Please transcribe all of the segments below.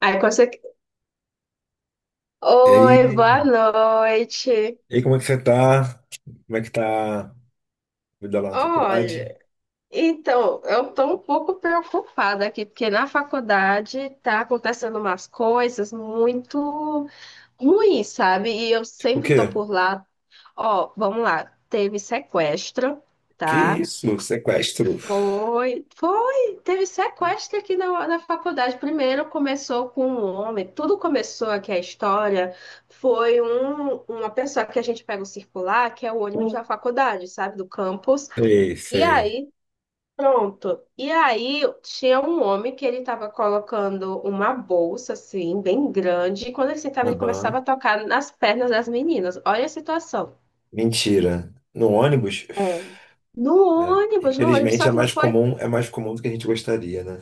Aí consegue. E Oi, boa aí, noite. Como é que você tá? Como é que tá a vida lá na faculdade? Olha, então, eu estou um pouco preocupada aqui, porque na faculdade está acontecendo umas coisas muito ruins, sabe? E eu Tipo, o sempre estou quê? por lá. Ó, vamos lá, teve sequestro, Que tá? isso? Sequestro? Foi, foi. Teve sequestro aqui na faculdade. Primeiro começou com um homem. Tudo começou aqui, a história. Foi uma pessoa que a gente pega o circular, que é o ônibus da faculdade, sabe, do campus. Sei, E sei. aí, pronto. E aí tinha um homem que ele estava colocando uma bolsa, assim, bem grande. E quando ele sentava, ele começava a Aham. tocar nas pernas das meninas. Olha a situação. Mentira. No ônibus, É. No ônibus, infelizmente, só que não foi. É mais comum do que a gente gostaria, né?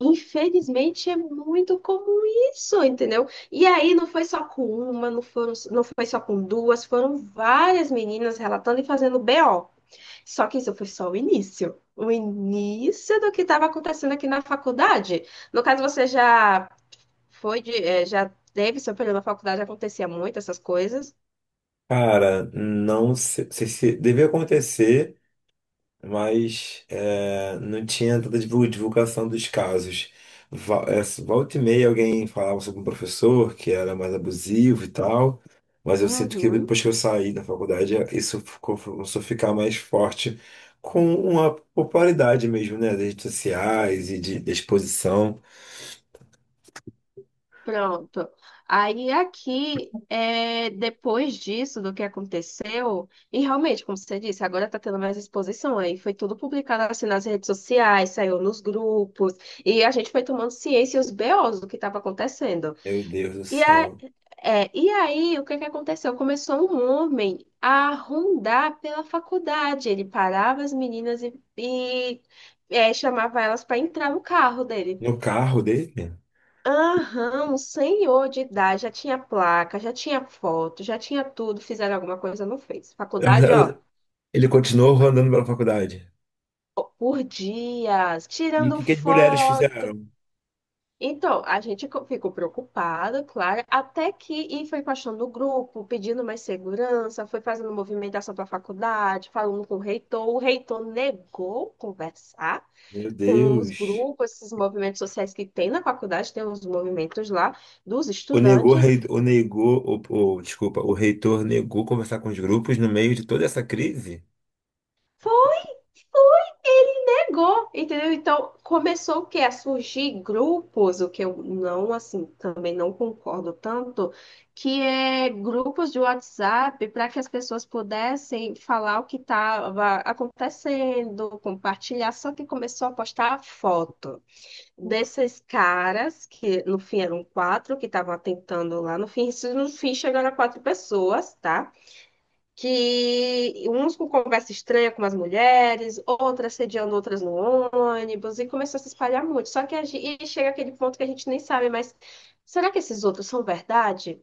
Infelizmente é muito comum isso, entendeu? E aí não foi só com uma, não foi só com duas, foram várias meninas relatando e fazendo BO. Só que isso foi só o início. O início do que estava acontecendo aqui na faculdade. No caso, você já já teve seu período na faculdade, acontecia muito essas coisas. Cara, não sei, deve acontecer. Mas é, não tinha tanta divulgação dos casos. Volta e meia alguém falava sobre um professor que era mais abusivo e tal, mas eu sinto que Uhum. depois que eu saí da faculdade, isso começou a ficar mais forte com uma popularidade mesmo, né, das redes sociais da exposição. Pronto. Aí aqui, depois disso, do que aconteceu, e realmente, como você disse, agora está tendo mais exposição. Aí foi tudo publicado assim nas redes sociais, saiu nos grupos, e a gente foi tomando ciência e os BOs do que estava acontecendo. Meu Deus do E, a, céu. e aí, o que que aconteceu? Começou um homem a rondar pela faculdade. Ele parava as meninas e chamava elas para entrar no carro dele. No carro dele, Aham, um senhor de idade, já tinha placa, já tinha foto, já tinha tudo, fizeram alguma coisa, não fez. Faculdade, ó, ele continuou andando pela faculdade. por dias, E o tirando que que as mulheres foto. fizeram? Então, a gente ficou preocupada, claro, até que e foi baixando o grupo, pedindo mais segurança, foi fazendo movimentação para a faculdade, falando com o reitor. O reitor negou conversar Meu com os Deus. grupos, esses movimentos sociais que tem na faculdade, tem uns movimentos lá dos O negou, estudantes. rei- o negou, o- Desculpa, o reitor negou conversar com os grupos no meio de toda essa crise? Ele negou, entendeu? Então começou o quê? A surgir grupos, o que eu não, assim, também não concordo tanto, que é grupos de WhatsApp para que as pessoas pudessem falar o que estava acontecendo, compartilhar, só que começou a postar foto desses caras, que no fim eram quatro, que estavam atentando lá, no fim, isso no fim chegaram a quatro pessoas, tá? Que uns com conversa estranha com as mulheres, outras sediando outras no ônibus, e começou a se espalhar muito. Só que a gente, e chega aquele ponto que a gente nem sabe, mas será que esses outros são verdade?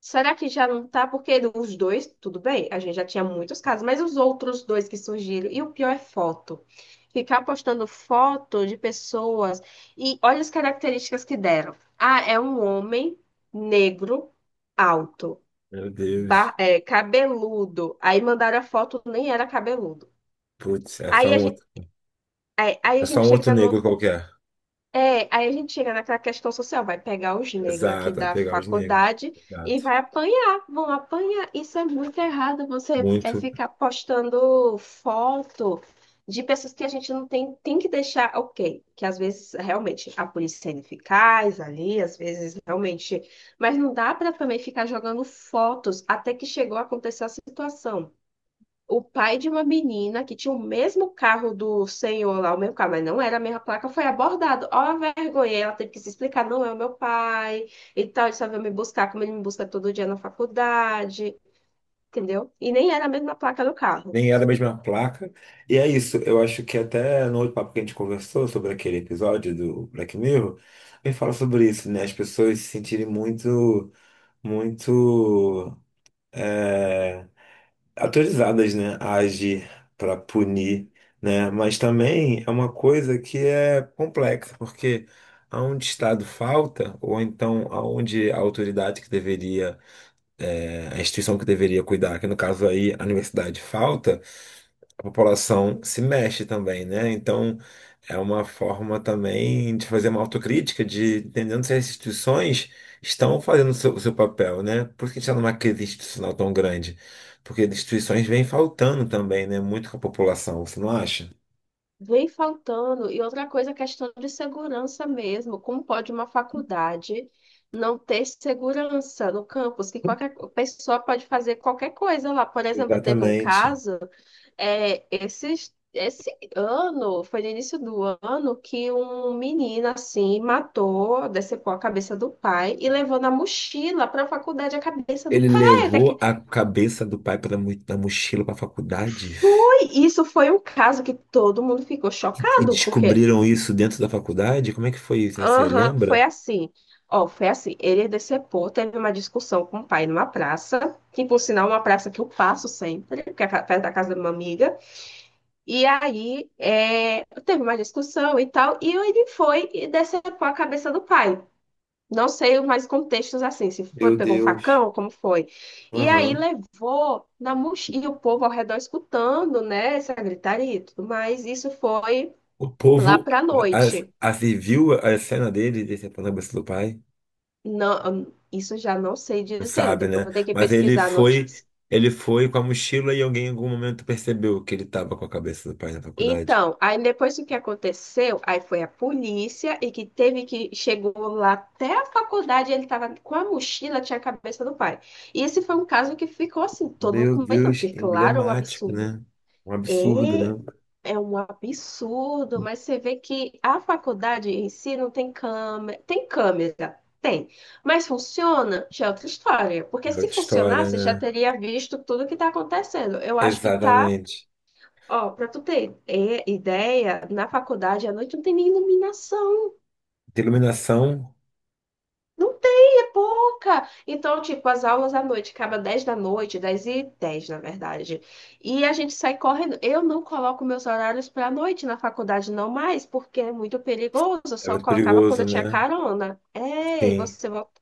Será que já não tá? Porque os dois, tudo bem, a gente já tinha muitos casos, mas os outros dois que surgiram, e o pior é foto. Ficar postando foto de pessoas e olha as características que deram. Ah, é um homem negro alto, Meu Deus. Cabeludo. Aí mandaram a foto, nem era cabeludo. Putz, é só Aí a um gente, outro, aí é a só gente um outro chega no, negro qualquer. é, aí a gente chega naquela questão social, vai pegar os negros aqui Exato, vai da pegar os negros. faculdade e Exato. vai apanhar, vão apanhar. Isso é muito errado, você é Muito. ficar postando foto de pessoas que a gente não tem, tem que deixar, ok, que às vezes realmente a polícia é ineficaz ali, às vezes realmente, mas não dá para também ficar jogando fotos até que chegou a acontecer a situação. O pai de uma menina que tinha o mesmo carro do senhor lá, o mesmo carro, mas não era a mesma placa, foi abordado. Ó, a vergonha, ela teve que se explicar, não é o meu pai, e tal, ele só veio me buscar, como ele me busca todo dia na faculdade, entendeu? E nem era a mesma placa do carro. Nem era a mesma placa. E é isso. Eu acho que até no outro papo que a gente conversou sobre aquele episódio do Black Mirror, ele fala sobre isso, né? As pessoas se sentirem muito. muito é, Autorizadas, né, a agir para punir, né? Mas também é uma coisa que é complexa, porque aonde Estado falta, ou então aonde a autoridade que deveria, a instituição que deveria cuidar, que no caso aí a universidade falta, a população se mexe também, né? Então, é uma forma também de fazer uma autocrítica, de entendendo se as instituições estão fazendo o seu papel, né? Por isso que a gente está numa crise institucional tão grande? Porque as instituições vêm faltando também, né? Muito com a população, você não acha? Vem faltando. E outra coisa, a questão de segurança mesmo. Como pode uma faculdade não ter segurança no campus? Que qualquer pessoa pode fazer qualquer coisa lá. Por exemplo, teve um Exatamente. caso, é, esse esse ano, foi no início do ano, que um menino, assim, matou, decepou a cabeça do pai e levou na mochila para a faculdade a cabeça do Ele pai. Até levou que a cabeça do pai para da mochila para a faculdade foi, isso foi um caso que todo mundo ficou e chocado, porque... descobriram isso dentro da faculdade? Como é que foi isso? Você Aham, lembra? foi assim. Ó, foi assim. Ele decepou, teve uma discussão com o pai numa praça, que por sinal é uma praça que eu passo sempre, que é perto da casa de uma amiga. E aí teve uma discussão e tal, e ele foi e decepou a cabeça do pai. Não sei mais contextos assim, se foi, Meu pegou um Deus. facão, como foi. E aí Aham. levou na mochila, e o povo ao redor escutando, né, essa gritaria e tudo mais. Isso foi O lá povo pra noite. E viu a cena dele de decepando a cabeça do pai? Não, isso eu já não sei Não dizer, sabe, depois né? vou ter que Mas pesquisar a notícia. ele foi com a mochila e alguém em algum momento percebeu que ele estava com a cabeça do pai na faculdade. Então, aí depois o que aconteceu, aí foi a polícia e que teve que chegou lá até a faculdade, ele estava com a mochila, tinha a cabeça do pai. E esse foi um caso que ficou assim, todo mundo Meu comentando, Deus, porque claro, é um emblemático, absurdo. né? Um absurdo, né? É, é um absurdo, mas você vê que a faculdade em si não tem câmera. Tem câmera, tem. Mas funciona? Já é outra história. É Porque se outra história, funcionasse, já né? teria visto tudo que está acontecendo. Eu acho que tá, Exatamente. ó, para tu ter ideia, na faculdade à noite não tem nem iluminação. De iluminação Não tem, é pouca. Então, tipo, as aulas à noite acaba 10 da noite, 10 e 10 na verdade. E a gente sai correndo. Eu não coloco meus horários para a noite na faculdade, não mais, porque é muito perigoso. Eu é só muito colocava quando perigoso, eu tinha né? carona. Ei, Sim. você volta.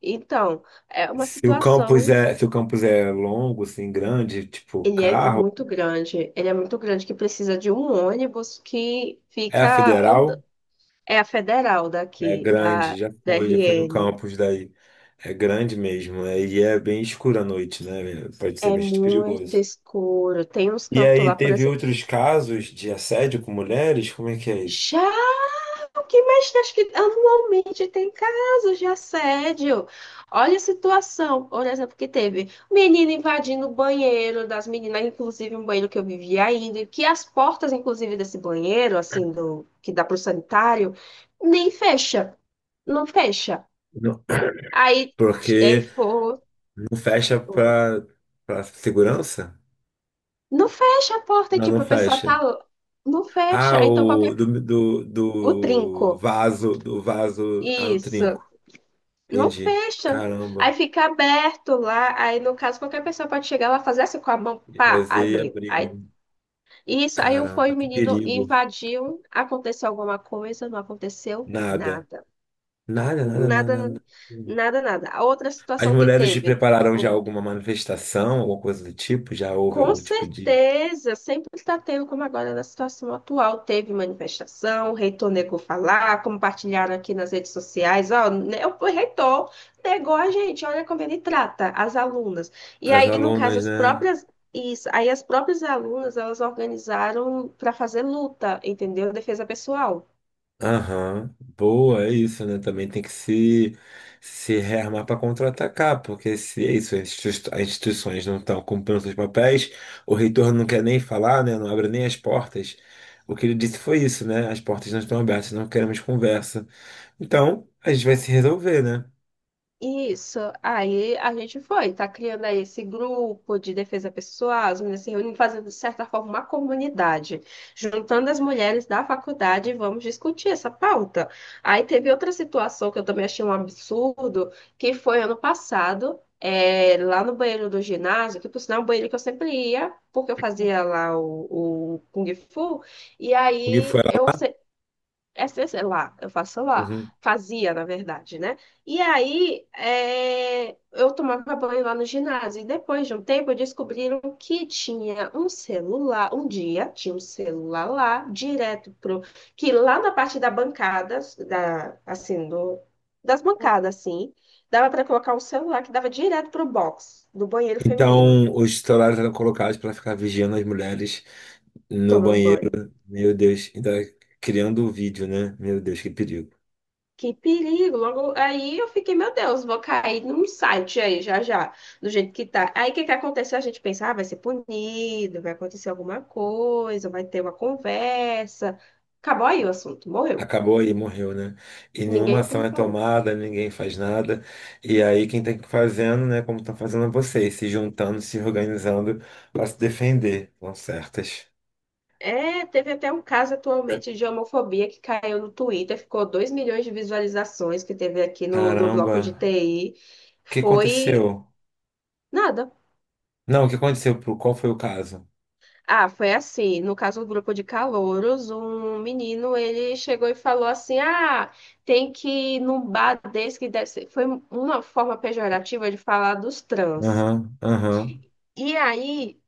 Então, é uma situação. Se o campus é longo, assim, grande, tipo Ele é carro, muito grande. Ele é muito grande que precisa de um ônibus que é a fica andando. federal. É a federal É daqui, grande, da, da já foi no RN. campus daí. É grande mesmo, né? E é bem escuro à noite, né? Pode ser É bastante muito perigoso. escuro. Tem uns E cantos aí lá, por teve exemplo. outros casos de assédio com mulheres? Como é que é isso? Já o que mexe, acho que anualmente tem casos de assédio. Olha a situação, por exemplo, que teve menina invadindo o banheiro das meninas, inclusive um banheiro que eu vivia ainda, que as portas, inclusive, desse banheiro, assim, do que dá pro sanitário, nem fecha, não fecha. Não, Aí, aí porque for, não fecha para para segurança? não fecha a porta, Não, não tipo, a pessoa tá, fecha. não Ah, fecha. Aí, então, qualquer, o do trinco. vaso, ah, no Isso. trinco. Não Entendi. fecha. Aí Caramba. fica aberto lá. Aí, no caso, qualquer pessoa pode chegar lá, fazer assim com a mão, E pá, fazer e abriu. abrir, Aí, né? isso. Aí foi Caramba, o que menino, perigo. invadiu. Aconteceu alguma coisa? Não aconteceu Nada. nada. Nada, nada, nada, Nada, nada. nada, nada. A outra As situação que mulheres te teve. prepararam já alguma manifestação, alguma coisa do tipo? Já houve Com algum tipo de. certeza, sempre está tendo, como agora na situação atual, teve manifestação, o reitor negou falar, compartilharam aqui nas redes sociais, ó, né, o reitor negou a gente, olha como ele trata as alunas. E As aí, no caso, alunas, né? Isso, aí as próprias alunas, elas organizaram para fazer luta, entendeu? Defesa pessoal. Aham. Boa, é isso, né? Também tem que se rearmar para contra-atacar, porque se é isso, as instituições não estão cumprindo seus papéis, o reitor não quer nem falar, né? Não abre nem as portas. O que ele disse foi isso, né? As portas não estão abertas, não queremos conversa. Então, a gente vai se resolver, né? Isso, aí a gente foi, tá criando aí esse grupo de defesa pessoal, as meninas se reunindo, fazendo de certa forma uma comunidade, juntando as mulheres da faculdade e vamos discutir essa pauta. Aí teve outra situação que eu também achei um absurdo, que foi ano passado, lá no banheiro do ginásio, que por sinal é um banheiro que eu sempre ia, porque eu fazia lá o Kung Fu, e O que aí foi eu, lá? sei lá, eu faço lá. Uhum. Fazia, na verdade, né? E aí, eu tomava banho lá no ginásio. E depois de um tempo, descobriram que tinha um celular. Um dia, tinha um celular lá, direto pro... Que lá na parte da bancada, da, assim, do, das bancadas, assim, dava para colocar um celular que dava direto pro box do banheiro feminino, Então, os celulares eram colocados para ficar vigiando as mulheres no tomando banheiro. banho. Meu Deus, ainda criando o vídeo, né? Meu Deus, que perigo. Que perigo! Logo aí eu fiquei, meu Deus, vou cair num site aí já já, do jeito que tá. Aí o que que aconteceu? A gente pensa, ah, vai ser punido, vai acontecer alguma coisa, vai ter uma conversa. Acabou aí o assunto, morreu. Acabou aí, morreu, né? E nenhuma Ninguém nunca ação me é falou. tomada, ninguém faz nada. E aí, quem tem que ir fazendo, né? Como estão fazendo é vocês, se juntando, se organizando para se defender. Estão certas. É, teve até um caso atualmente de homofobia que caiu no Twitter, ficou 2 milhões de visualizações que teve aqui no do bloco de Caramba, TI. o que Foi aconteceu? nada. Não, o que aconteceu? Qual foi o caso? Ah, foi assim. No caso do grupo de calouros, um menino ele chegou e falou assim: Ah, tem que ir num bar desse que deve ser. Foi uma forma pejorativa de falar dos trans. Aham, aham. E aí,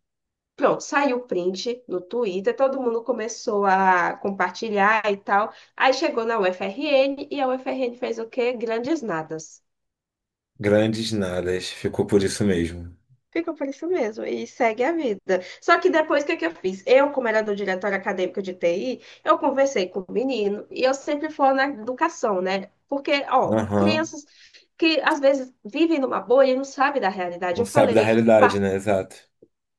pronto, saiu o print no Twitter, todo mundo começou a compartilhar e tal. Aí chegou na UFRN e a UFRN fez o quê? Grandes nadas. Grandes nadas. Ficou por isso mesmo. Ficou por isso mesmo e segue a vida. Só que depois, o que é que eu fiz? Eu, como era do diretório acadêmico de TI, eu conversei com o menino e eu sempre falo na educação, né? Porque, ó, Aham. crianças que às vezes vivem numa bolha e não sabem da realidade. Não Eu sabe da falei. realidade, né? Exato.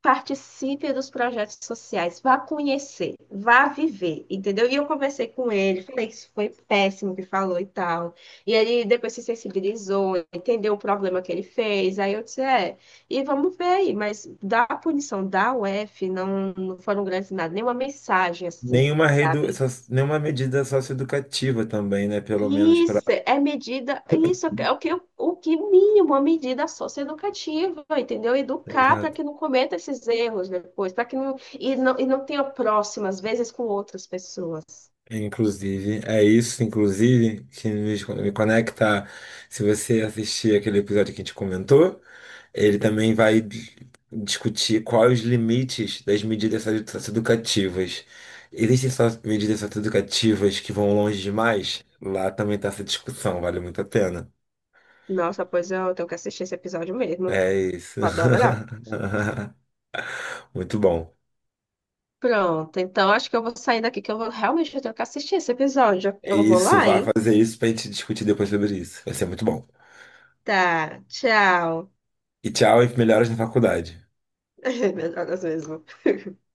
Participe dos projetos sociais, vá conhecer, vá viver, entendeu? E eu conversei com ele, falei que isso foi péssimo que falou e tal. E ele depois se sensibilizou, entendeu o problema que ele fez. Aí eu disse, e vamos ver aí, mas da punição da UF não, não foram grandes nada, nenhuma mensagem assim, Nenhuma redu... sabe? so- Nenhuma medida socioeducativa também, né? Pelo menos para. Isso é medida, isso é o que, o que mínimo, a medida socioeducativa, entendeu? Educar para Exato. que não cometa esses erros depois, para que não tenha próximas, às vezes, com outras pessoas. Inclusive, é isso, inclusive, que me conecta. Se você assistir aquele episódio que a gente comentou, ele também vai discutir quais os limites das socioeducativas. Existem só medidas socioeducativas que vão longe demais? Lá também está essa discussão, vale muito a pena. Nossa, pois eu tenho que assistir esse episódio mesmo. É isso. Vou adorar. Muito bom. Pronto, então acho que eu vou sair daqui, que eu vou realmente eu tenho que assistir esse episódio. É Eu vou isso, lá, vá hein? fazer isso pra gente discutir depois sobre isso. Vai ser muito bom. Tá, tchau. E tchau e melhoras na faculdade. Meu Deus mesmo.